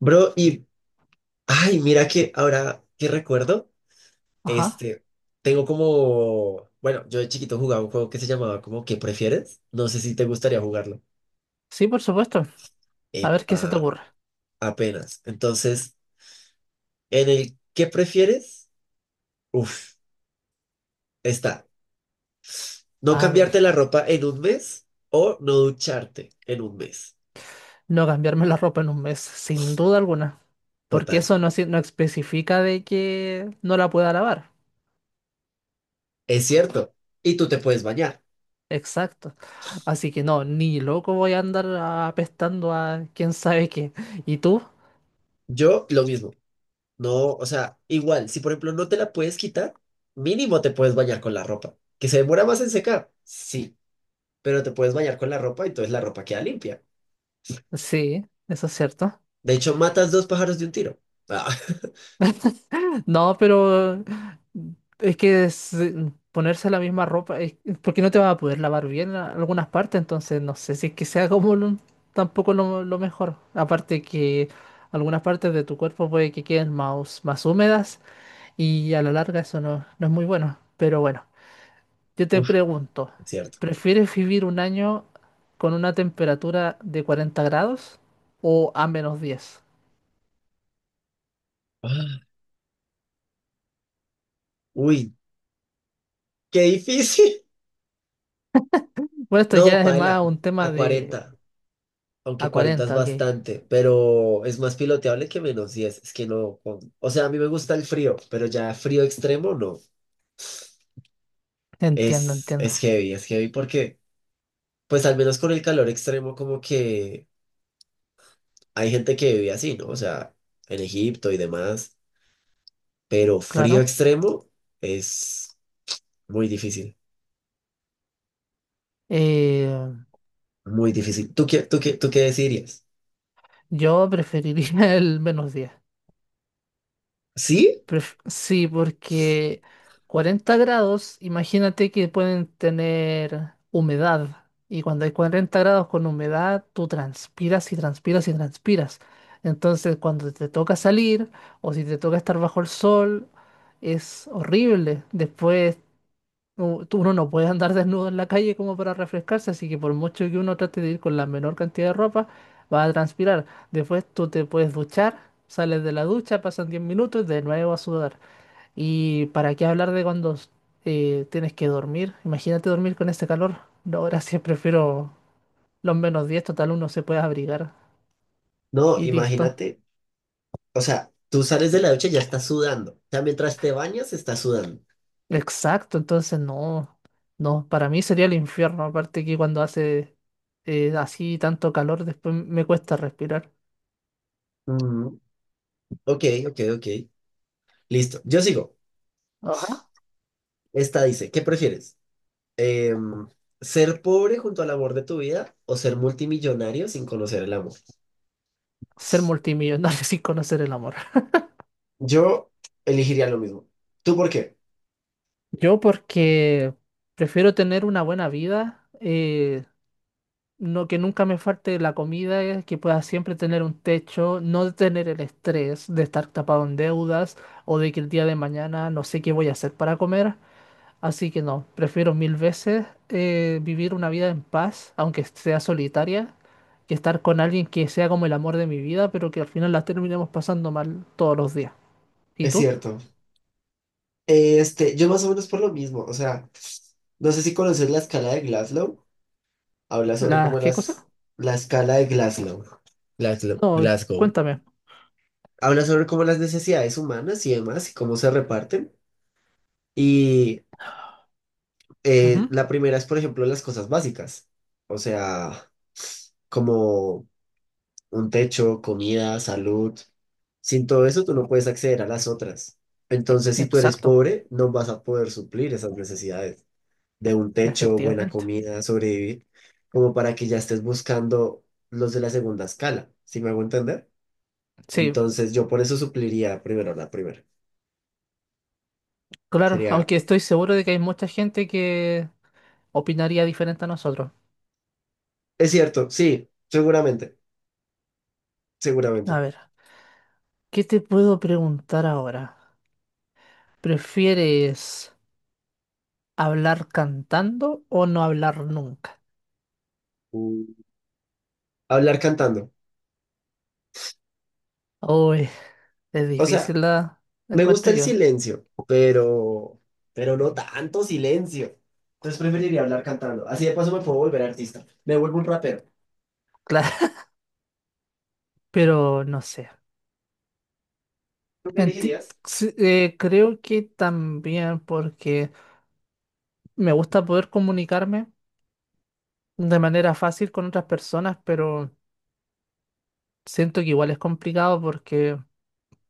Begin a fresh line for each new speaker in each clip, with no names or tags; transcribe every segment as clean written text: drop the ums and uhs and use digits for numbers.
Bro, ay, mira que ahora que recuerdo,
Ajá,
este, tengo como, bueno, yo de chiquito jugaba un juego que se llamaba como ¿Qué prefieres? No sé si te gustaría jugarlo.
sí, por supuesto. A ver qué se te
Epa,
ocurre.
apenas. Entonces, en el ¿Qué prefieres? Uf, está. No
A ver,
cambiarte la ropa en un mes o no ducharte en un mes.
no cambiarme la ropa en un mes, sin duda alguna. Porque
Total.
eso no, no especifica de que no la pueda lavar.
Es cierto. Y tú te puedes bañar.
Exacto. Así que no, ni loco voy a andar apestando a quién sabe qué. ¿Y tú?
Yo lo mismo. No, o sea, igual, si por ejemplo no te la puedes quitar, mínimo te puedes bañar con la ropa. ¿Que se demora más en secar? Sí, pero te puedes bañar con la ropa y entonces la ropa queda limpia.
Sí, eso es cierto.
De hecho, matas dos pájaros de un tiro. Ah,
No, pero es que es, ponerse la misma ropa, porque no te vas a poder lavar bien algunas partes, entonces no sé si es que sea como tampoco lo mejor. Aparte que algunas partes de tu cuerpo puede que queden más húmedas y a la larga eso no, no es muy bueno. Pero bueno, yo te
uf,
pregunto,
es cierto.
¿prefieres vivir un año con una temperatura de 40 grados o a -10?
Ah, uy, qué difícil.
Bueno, esto
No,
ya es más
paila,
un tema
a
de
40,
a
aunque 40 es
40, ok.
bastante, pero es más piloteable que -10. Es que no, o sea, a mí me gusta el frío, pero ya frío extremo no.
Entiendo,
Es,
entiendo.
es heavy, es heavy porque. Pues al menos con el calor extremo, como que hay gente que vive así, ¿no? O sea, en Egipto y demás, pero frío
Claro.
extremo es muy difícil,
Eh,
muy difícil. ¿Tú qué decidirías?
yo preferiría el menos 10.
¿Sí?
Sí, porque 40 grados, imagínate que pueden tener humedad. Y cuando hay 40 grados con humedad, tú transpiras y transpiras y transpiras. Entonces, cuando te toca salir o si te toca estar bajo el sol, es horrible. Después uno no puede andar desnudo en la calle como para refrescarse, así que por mucho que uno trate de ir con la menor cantidad de ropa, va a transpirar. Después tú te puedes duchar, sales de la ducha, pasan 10 minutos y de nuevo a sudar. ¿Y para qué hablar de cuando tienes que dormir? Imagínate dormir con este calor. No, gracias, prefiero los -10, total uno se puede abrigar
No,
y listo.
imagínate, o sea, tú sales de la ducha y ya estás sudando. O sea, mientras te bañas, estás sudando.
Exacto, entonces no, no, para mí sería el infierno, aparte que cuando hace así tanto calor, después me cuesta respirar.
Mm, ok, ok, ok. Listo. Yo sigo.
Ajá.
Esta dice, ¿qué prefieres? Em, ¿Ser pobre junto al amor de tu vida o ser multimillonario sin conocer el amor?
Ser multimillonario sin conocer el amor.
Yo elegiría lo mismo. ¿Tú por qué?
Yo porque prefiero tener una buena vida, no que nunca me falte la comida, que pueda siempre tener un techo, no tener el estrés de estar tapado en deudas o de que el día de mañana no sé qué voy a hacer para comer. Así que no, prefiero mil veces vivir una vida en paz, aunque sea solitaria, que estar con alguien que sea como el amor de mi vida, pero que al final la terminemos pasando mal todos los días. ¿Y
Es
tú?
cierto. Yo más o menos por lo mismo. O sea, no sé si conoces la escala de Glasgow. Habla sobre
¿Las
cómo
qué cosas?
las, la escala de Glasgow. Glasgow,
No,
Glasgow.
cuéntame.
Habla sobre cómo las necesidades humanas y demás y cómo se reparten. Y
Ujú.
la primera es, por ejemplo, las cosas básicas. O sea, como un techo, comida, salud. Sin todo eso, tú no puedes acceder a las otras. Entonces, si tú eres
Exacto,
pobre, no vas a poder suplir esas necesidades de un techo, buena
efectivamente.
comida, sobrevivir, como para que ya estés buscando los de la segunda escala, ¿sí me hago entender?
Sí,
Entonces, yo por eso supliría primero la primera.
claro,
Sería,
aunque estoy seguro de que hay mucha gente que opinaría diferente a nosotros.
es cierto, sí, seguramente,
A
seguramente.
ver, ¿qué te puedo preguntar ahora? ¿Prefieres hablar cantando o no hablar nunca?
Mm. Hablar cantando.
Uy, es
O sea,
difícil la
me gusta
encuentro
el
yo.
silencio, pero no tanto silencio. Entonces preferiría hablar cantando. Así de paso me puedo volver artista. Me vuelvo un rapero.
Claro, pero no sé.
¿Tú qué
Enti-
elegirías?
sí, creo que también porque me gusta poder comunicarme de manera fácil con otras personas, pero siento que igual es complicado porque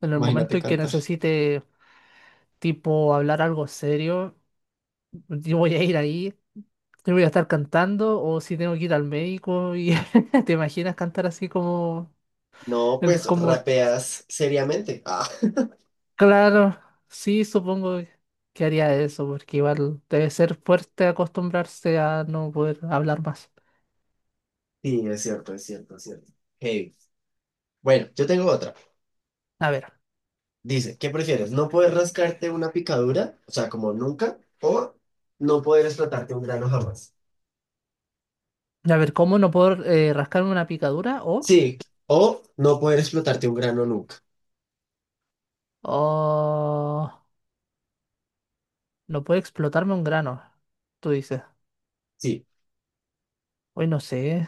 en el momento
Imagínate
en que
cantar.
necesite, tipo, hablar algo serio, yo voy a ir ahí, yo voy a estar cantando o si tengo que ir al médico y te imaginas cantar así como,
No,
el,
pues
como,
rapeas seriamente. Ah,
claro, sí, supongo que haría eso porque igual debe ser fuerte acostumbrarse a no poder hablar más.
sí, es cierto, es cierto, es cierto. Hey. Bueno, yo tengo otra.
A ver,
Dice, ¿qué prefieres? ¿No poder rascarte una picadura? O sea, como nunca, o no poder explotarte un grano jamás.
a ver, ¿cómo no puedo rascarme una picadura o,
Sí, o no poder explotarte un grano nunca.
o no puede explotarme un grano? Tú dices.
Sí.
Hoy no sé.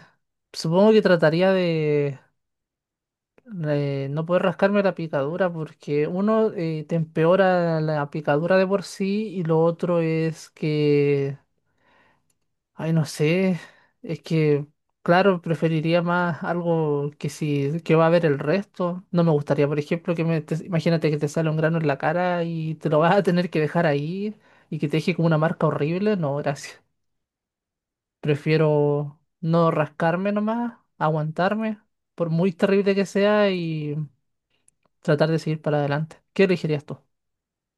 Supongo que trataría de, no poder rascarme la picadura porque uno te empeora la picadura de por sí y lo otro es que, ay, no sé, es que, claro, preferiría más algo que si que va a ver el resto. No me gustaría, por ejemplo, imagínate que te sale un grano en la cara y te lo vas a tener que dejar ahí y que te deje como una marca horrible. No, gracias. Prefiero no rascarme nomás, aguantarme, por muy terrible que sea, y tratar de seguir para adelante. ¿Qué elegirías tú?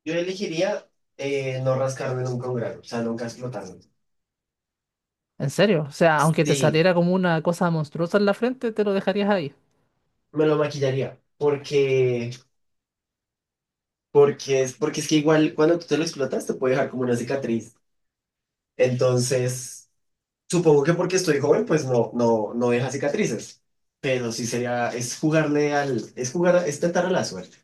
Yo elegiría no rascarme nunca un grano, o sea, nunca explotarme.
¿En serio? O sea, aunque te
Sí,
saliera como una cosa monstruosa en la frente, te lo dejarías ahí.
me lo maquillaría. Porque, porque es que igual cuando tú te lo explotas te puede dejar como una cicatriz. Entonces, supongo que porque estoy joven, pues no, no, no deja cicatrices. Pero sí sería, es jugarle al, es jugar, a- es tentar a la suerte.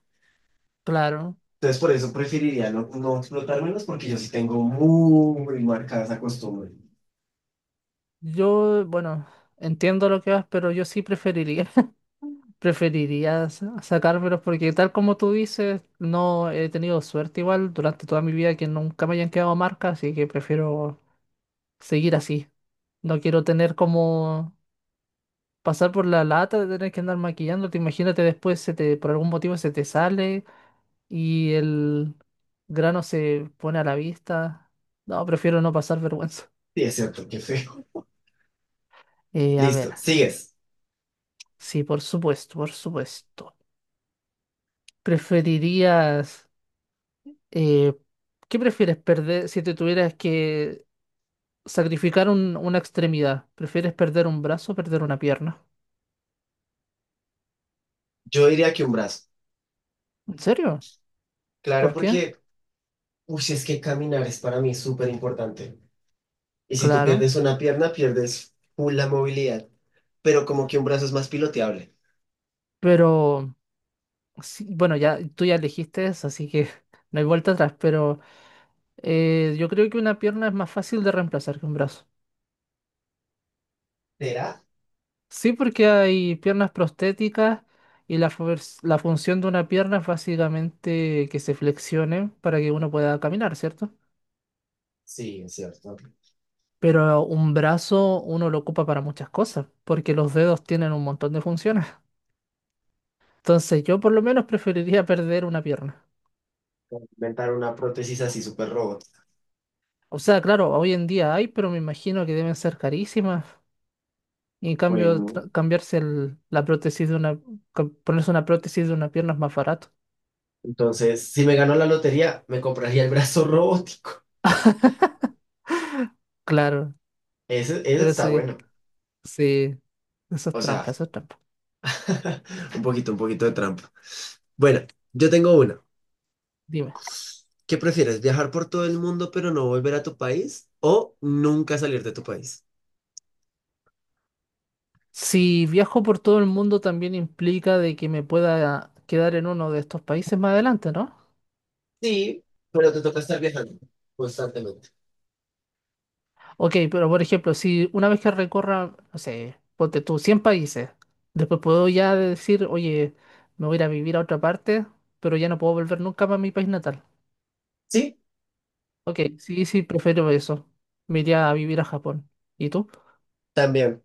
Claro.
Entonces, por eso preferiría no, no explotármelos porque yo sí tengo muy marcada esa costumbre.
Yo, bueno, entiendo lo que vas, pero yo sí preferiría. Preferiría sacármelos porque tal como tú dices, no he tenido suerte igual durante toda mi vida que nunca me hayan quedado marcas, así que prefiero seguir así. No quiero tener como pasar por la lata de tener que andar maquillándote. Imagínate después se te, por algún motivo se te sale y el grano se pone a la vista. No, prefiero no pasar vergüenza.
Sí, es cierto, qué feo.
A ver,
Listo, sigues.
sí, por supuesto, por supuesto. ¿Preferirías, eh, qué prefieres perder si te tuvieras que sacrificar una extremidad? ¿Prefieres perder un brazo o perder una pierna?
Yo diría que un brazo.
¿En serio?
Claro,
¿Por qué?
porque uy, sí, es que caminar es para mí súper importante. Y si tú
Claro,
pierdes una pierna, pierdes full la movilidad. Pero como que un brazo es más piloteable.
pero... Sí, bueno, ya tú ya elegiste eso, así que no hay vuelta atrás, pero yo creo que una pierna es más fácil de reemplazar que un brazo.
¿Será?
Sí, porque hay piernas prostéticas y la función de una pierna es básicamente que se flexione para que uno pueda caminar, ¿cierto?
Sí, es cierto.
Pero un brazo uno lo ocupa para muchas cosas, porque los dedos tienen un montón de funciones. Entonces yo por lo menos preferiría perder una pierna.
Inventar una prótesis así súper robot.
O sea, claro, hoy en día hay, pero me imagino que deben ser carísimas. Y en cambio,
Bueno,
cambiarse la prótesis de una, ponerse una prótesis de una pierna es más barato.
entonces, si me gano la lotería, me compraría el brazo robótico.
Claro,
Ese
pero
está
sí,
bueno.
sí, eso es
O sea,
trampa, eso es trampa.
un poquito de trampa. Bueno, yo tengo una.
Dime.
¿Qué prefieres? ¿Viajar por todo el mundo pero no volver a tu país? ¿O nunca salir de tu país?
Si viajo por todo el mundo también implica de que me pueda quedar en uno de estos países más adelante, ¿no?
Sí, pero te toca estar viajando constantemente.
Ok, pero por ejemplo, si una vez que recorra, no sé, ponte tú, 100 países, después puedo ya decir, oye, me voy a ir a vivir a otra parte, pero ya no puedo volver nunca para mi país natal.
Sí,
Ok, sí, sí, prefiero eso. Me iría a vivir a Japón. ¿Y tú?
también.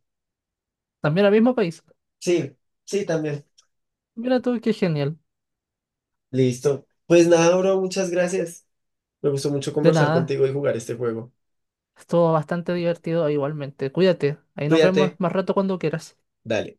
También al mismo país.
Sí, sí, también.
Mira tú, qué genial.
Listo. Pues nada, bro, muchas gracias. Me gustó mucho
De
conversar
nada,
contigo y jugar este juego.
estuvo bastante divertido igualmente. Cuídate, ahí nos vemos
Cuídate.
más rato cuando quieras.
Dale.